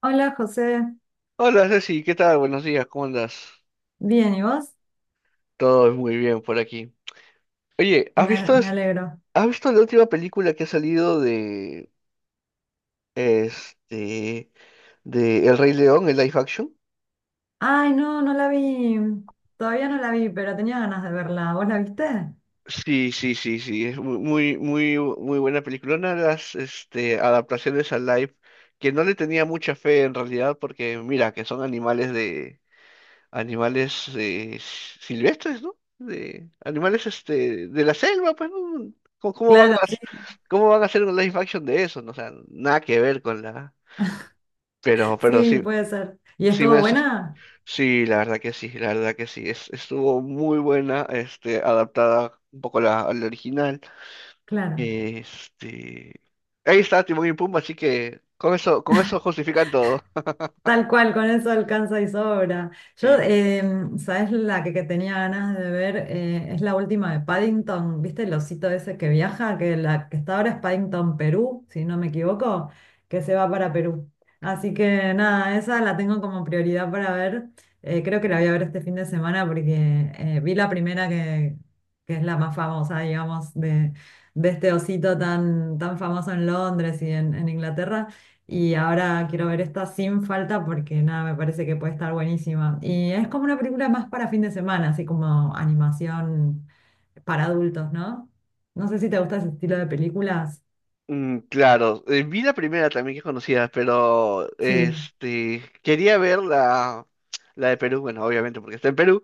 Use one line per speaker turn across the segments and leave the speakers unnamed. Hola José,
Hola Ceci, ¿qué tal? Buenos días, ¿cómo andas?
bien, ¿y vos?
Todo muy bien por aquí. Oye, ¿has
Me,
visto,
me alegro.
has visto la última película que ha salido de este de El Rey León, el live action?
Ay, no, no la vi, todavía no la vi, pero tenía ganas de verla. ¿Vos la viste?
Sí, sí, sí, sí, es muy, muy, muy buena película. Una de las adaptaciones al live que no le tenía mucha fe en realidad porque mira que son animales de animales silvestres, ¿no? De animales este de la selva, pues, ¿no? ¿Cómo, cómo van a,
Claro, sí,
¿Cómo van a hacer un live action de eso? No, o sea, nada que ver con la. Pero
sí,
sí,
puede ser. ¿Y
sí
estuvo
me sus-
buena?
sí, la verdad que sí, la verdad que sí. Estuvo muy buena, este, adaptada un poco a a la original.
Claro.
Este. Ahí está Timón y Pumba, así que con eso justifican todo.
Tal cual, con eso alcanza y sobra. Yo,
Y
em, ¿sabes la que tenía ganas de ver? Es la última de Paddington, ¿viste el osito ese que viaja? Que la que está ahora es Paddington, Perú, si no me equivoco, que se va para Perú. Así que nada, esa la tengo como prioridad para ver. Creo que la voy a ver este fin de semana porque vi la primera que es la más famosa, digamos, de este osito tan, tan famoso en Londres y en Inglaterra. Y ahora quiero ver esta sin falta porque nada, me parece que puede estar buenísima. Y es como una película más para fin de semana, así como animación para adultos, ¿no? No sé si te gusta ese estilo de películas.
Claro, vi la primera también que conocía, pero
Sí.
este quería ver la de Perú, bueno, obviamente porque está en Perú,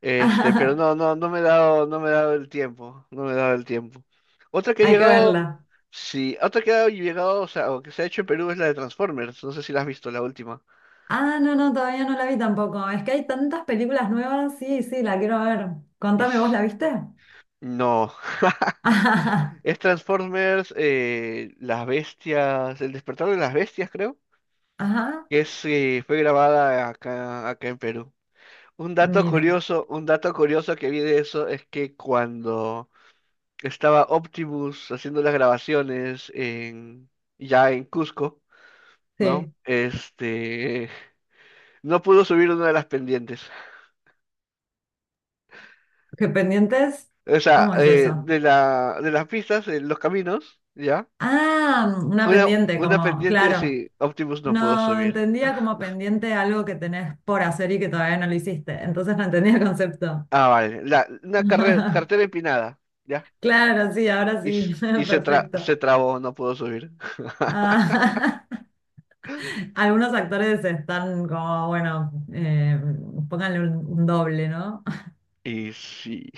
este, pero no me he dado, no me he dado el tiempo, no me he dado el tiempo. Otra que ha
Hay que
llegado,
verla.
sí, otra que ha llegado, o sea, o que se ha hecho en Perú es la de Transformers, no sé si la has visto, la última.
Ah, no, no, todavía no la vi tampoco. Es que hay tantas películas nuevas. Sí, sí, la quiero ver.
Y
Contame, ¿vos la
s-
viste?
No,
Ajá,
es Transformers, las bestias, el despertar de las bestias, creo,
ajá,
que es, fue grabada acá, acá en Perú.
mira.
Un dato curioso que vi de eso es que cuando estaba Optimus haciendo las grabaciones en, ya en Cusco, ¿no?
Sí.
Este, no pudo subir una de las pendientes.
¿Qué pendientes?
O sea,
¿Cómo es eso?
de de las pistas, los caminos, ¿ya?
Ah, una pendiente,
Una
como,
pendiente,
claro.
sí, Optimus no pudo
No,
subir.
entendía como pendiente algo que tenés por hacer y que todavía no lo hiciste. Entonces no entendía el concepto.
Ah, vale. Una carretera empinada, ¿ya?
Claro, sí, ahora
Y,
sí.
y
Perfecto.
se trabó, no pudo subir.
Ah, algunos actores están como, bueno, pónganle un doble, ¿no?
Y sí.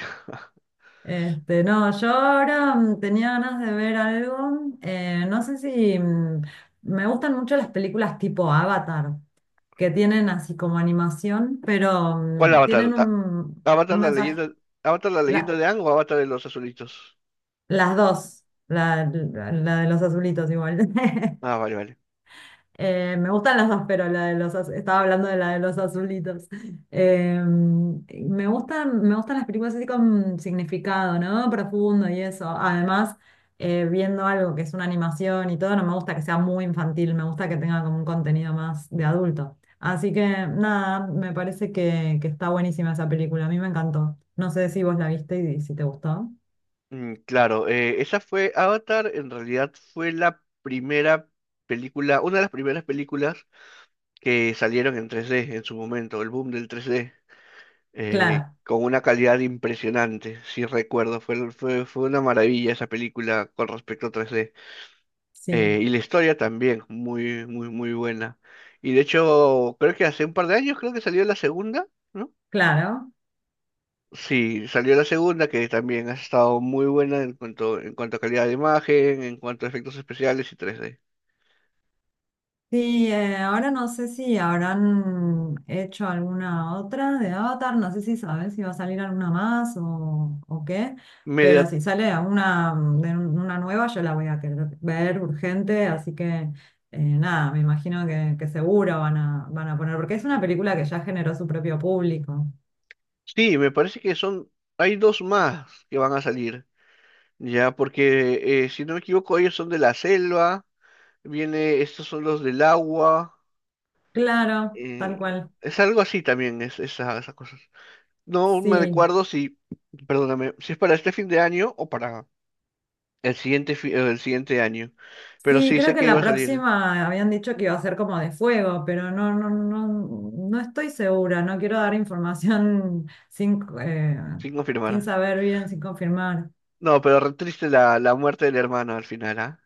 Este, no, yo ahora tenía ganas de ver algo. No sé si me gustan mucho las películas tipo Avatar, que tienen así como animación, pero
¿Cuál avatar?
tienen un
Avatar la
mensaje.
leyenda, Avatar la leyenda
La-
de Aang o Avatar de los azulitos.
Las dos, la de los azulitos igual.
Ah, vale, vale.
Me gustan las dos, pero la de los estaba hablando de la de los azulitos. Me gustan las películas así con significado, ¿no? Profundo y eso. Además, viendo algo que es una animación y todo, no me gusta que sea muy infantil, me gusta que tenga como un contenido más de adulto. Así que nada, me parece que está buenísima esa película. A mí me encantó. No sé si vos la viste y si te gustó.
Claro, esa fue Avatar, en realidad fue la primera película, una de las primeras películas que salieron en 3D en su momento, el boom del 3D,
Claro,
con una calidad impresionante, si recuerdo, fue una maravilla esa película con respecto a 3D.
sí,
Y la historia también, muy, muy, muy buena. Y de hecho, creo que hace un par de años, creo que salió la segunda. No,
claro.
sí, salió la segunda, que también ha estado muy buena en cuanto a calidad de imagen, en cuanto a efectos especiales y 3D.
Sí, ahora no sé si habrán hecho alguna otra de Avatar, no sé si sabes si va a salir alguna más o, qué,
Me
pero
da-
si sale una, de una nueva yo la voy a querer ver urgente, así que nada, me imagino que seguro van a poner, porque es una película que ya generó su propio público.
sí, me parece que son, hay dos más que van a salir, ya, porque si no me equivoco, ellos son de la selva, viene, estos son los del agua,
Claro, tal
eh,
cual.
es algo así también, es, esas cosas. No me
Sí,
recuerdo si, perdóname, si es para este fin de año o para el siguiente, el siguiente año, pero
Sí,
sí
creo
sé
que
que
la
iba a salir,
próxima habían dicho que iba a ser como de fuego, pero no, no, no, no estoy segura. No quiero dar información sin,
sin
sin
confirmar.
saber bien, sin confirmar.
No, pero re triste la muerte del hermano al final, ¿ah?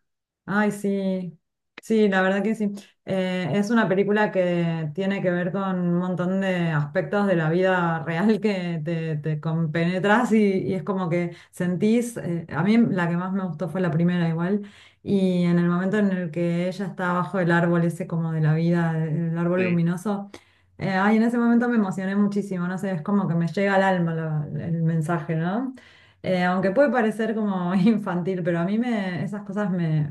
Ay, sí, sí, la verdad que sí. Es una película que tiene que ver con un montón de aspectos de la vida real que te compenetras y es como que sentís, a mí la que más me gustó fue la primera igual, y en el momento en el que ella está bajo el árbol ese como de la vida, el árbol
Sí,
luminoso, ay, en ese momento me emocioné muchísimo, no sé, es como que me llega al alma el mensaje, ¿no? Aunque puede parecer como infantil, pero a mí me, esas cosas me,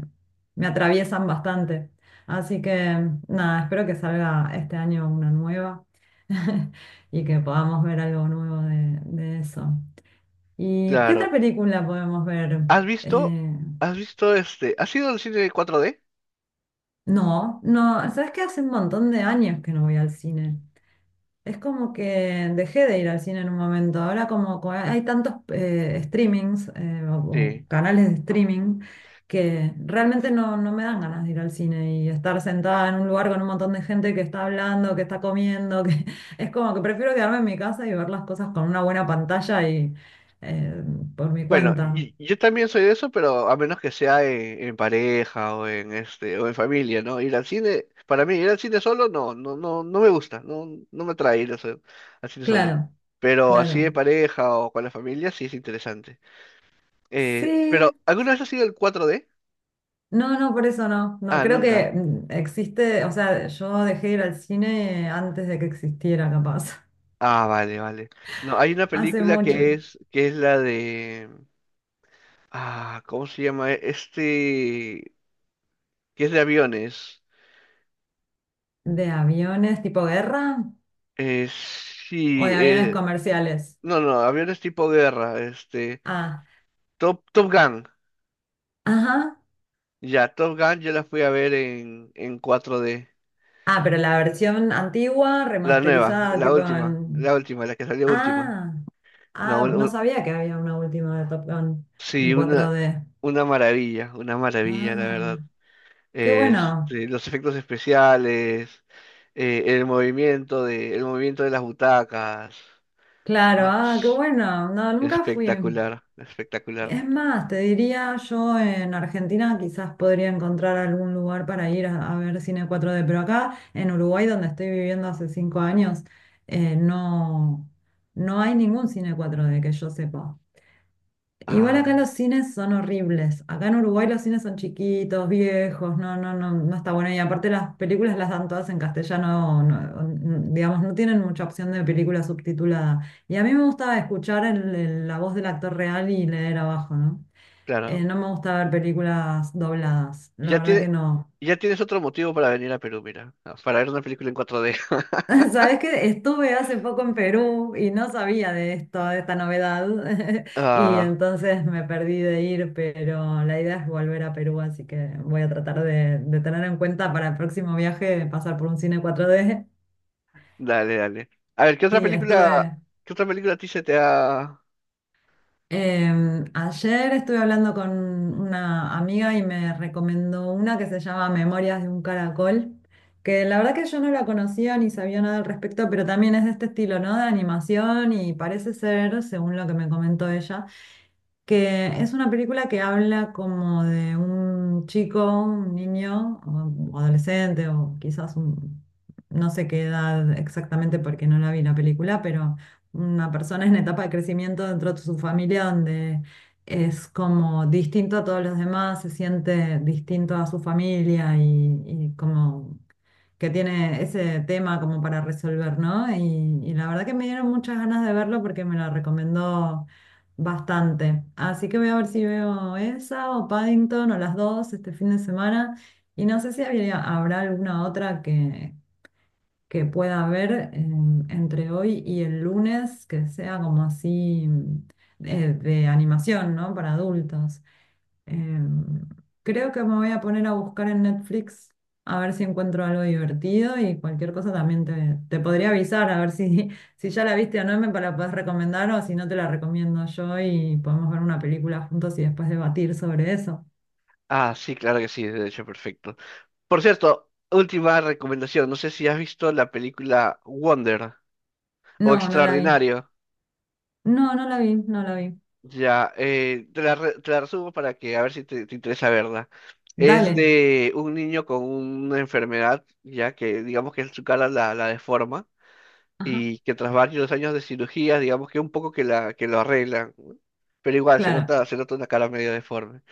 me atraviesan bastante. Así que nada, espero que salga este año una nueva y que podamos ver algo nuevo de eso. ¿Y qué otra
claro.
película podemos ver?
¿Has visto?
Eh,
¿Has visto este? ¿Has ido al cine 4D?
no, no, ¿sabes qué? Hace un montón de años que no voy al cine. Es como que dejé de ir al cine en un momento. Ahora como hay tantos streamings o
Sí.
canales de streaming que realmente no, no me dan ganas de ir al cine y estar sentada en un lugar con un montón de gente que está hablando, que está comiendo, que es como que prefiero quedarme en mi casa y ver las cosas con una buena pantalla y eh, por mi
Bueno,
cuenta.
y yo también soy de eso, pero a menos que sea en pareja o en este o en familia, ¿no? Ir al cine, para mí ir al cine solo no, no, no, no me gusta, no, no me atrae ir al cine solo.
Claro,
Pero así en
claro.
pareja o con la familia sí es interesante. Pero
Sí.
¿alguna vez has ido al 4D?
No, no, por eso no. No,
Ah,
creo que
nunca.
existe, o sea, yo dejé de ir al cine antes de que existiera, capaz.
Ah, vale, vale. No, hay una
Hace
película
mucho.
que es la de, ah, ¿cómo se llama? E, Este, que es de aviones.
¿De aviones tipo guerra
Eh,
o
sí,
de aviones comerciales?
no, no, aviones tipo guerra, este,
Ah,
Top Gun.
ajá.
Ya, Top Gun yo la fui a ver en cuatro d
Ah, pero la versión antigua,
La nueva,
remasterizada,
la
tipo
última,
en...
la última, la que salió última.
Ah,
No,
ah, no
un-
sabía que había una última de Top Gun
sí,
en 4D.
una maravilla, la
Ah,
verdad.
qué bueno.
Este, los efectos especiales, el movimiento de las butacas.
Claro,
Ah,
ah, qué bueno. No, nunca fui.
espectacular, espectacular.
Es más, te diría yo en Argentina quizás podría encontrar algún lugar para ir a ver cine 4D, pero acá en Uruguay, donde estoy viviendo hace 5 años, no, no hay ningún cine 4D que yo sepa. Igual acá
Ah,
los cines son horribles. Acá en Uruguay los cines son chiquitos, viejos, no, no, no, no está bueno. Y aparte las películas las dan todas en castellano, digamos, no tienen mucha opción de película subtitulada. Y a mí me gusta escuchar la voz del actor real y leer abajo, ¿no?
claro.
No me gusta ver películas dobladas, la
Ya
verdad que
tiene,
no.
ya tienes otro motivo para venir a Perú, mira, ah, para ver una película en 4D.
Sabes que estuve hace poco en Perú y no sabía de esto, de esta novedad, y
Ah,
entonces me perdí de ir, pero la idea es volver a Perú, así que voy a tratar de tener en cuenta para el próximo viaje pasar por un cine 4D.
dale, dale. A ver,
Sí, estuve.
¿qué otra película a ti se te ha...?
Ayer estuve hablando con una amiga y me recomendó una que se llama Memorias de un Caracol, que la verdad que yo no la conocía ni sabía nada al respecto, pero también es de este estilo, ¿no? De animación y parece ser, según lo que me comentó ella, que es una película que habla como de un chico, un niño, o un adolescente, o quizás un, no sé qué edad exactamente porque no la vi la película, pero una persona en etapa de crecimiento dentro de su familia donde es como distinto a todos los demás, se siente distinto a su familia y como que tiene ese tema como para resolver, ¿no? Y la verdad que me dieron muchas ganas de verlo porque me lo recomendó bastante. Así que voy a ver si veo esa o Paddington o las dos este fin de semana. Y no sé si habrá alguna otra que pueda ver entre hoy y el lunes que sea como así de animación, ¿no? Para adultos. Em, Creo que me voy a poner a buscar en Netflix a ver si encuentro algo divertido y cualquier cosa también te podría avisar a ver si, si ya la viste o no, la puedes recomendar o si no te la recomiendo yo y podemos ver una película juntos y después debatir sobre eso.
Ah, sí, claro que sí, de hecho, perfecto. Por cierto, última recomendación, no sé si has visto la película Wonder o
No, no la vi.
Extraordinario.
No, no la vi, no la vi.
Ya, te te la resumo para que a ver si te, te interesa verla. Es
Dale.
de un niño con una enfermedad, ya que digamos que su cara la deforma
Ajá,
y que tras varios años de cirugías digamos que un poco que lo arreglan, ¿no? Pero igual
claro,
se nota una cara medio deforme.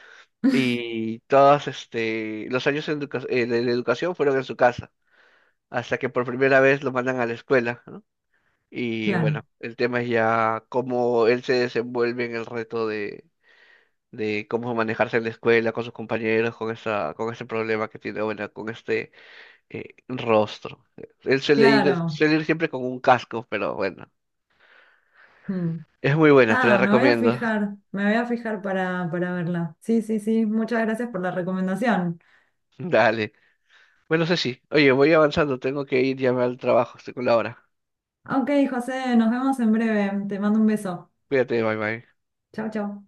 Y todos este, los años en de educación fueron en su casa, hasta que por primera vez lo mandan a la escuela, ¿no? Y bueno,
claro,
el tema es ya cómo él se desenvuelve en el reto de cómo manejarse en la escuela con sus compañeros, con esa, con ese problema que tiene, bueno, con este rostro.
claro.
Suele ir siempre con un casco, pero bueno,
Mm.
es muy buena, te la
Ah, me voy a
recomiendo.
fijar, me voy a fijar para, verla. Sí, sí, sí, muchas gracias por la recomendación.
Dale. Bueno, Ceci, oye, voy avanzando, tengo que ir ya al trabajo, estoy con la hora.
Ok, José, nos vemos en breve. Te mando un beso.
Cuídate, bye bye.
Chau, chau.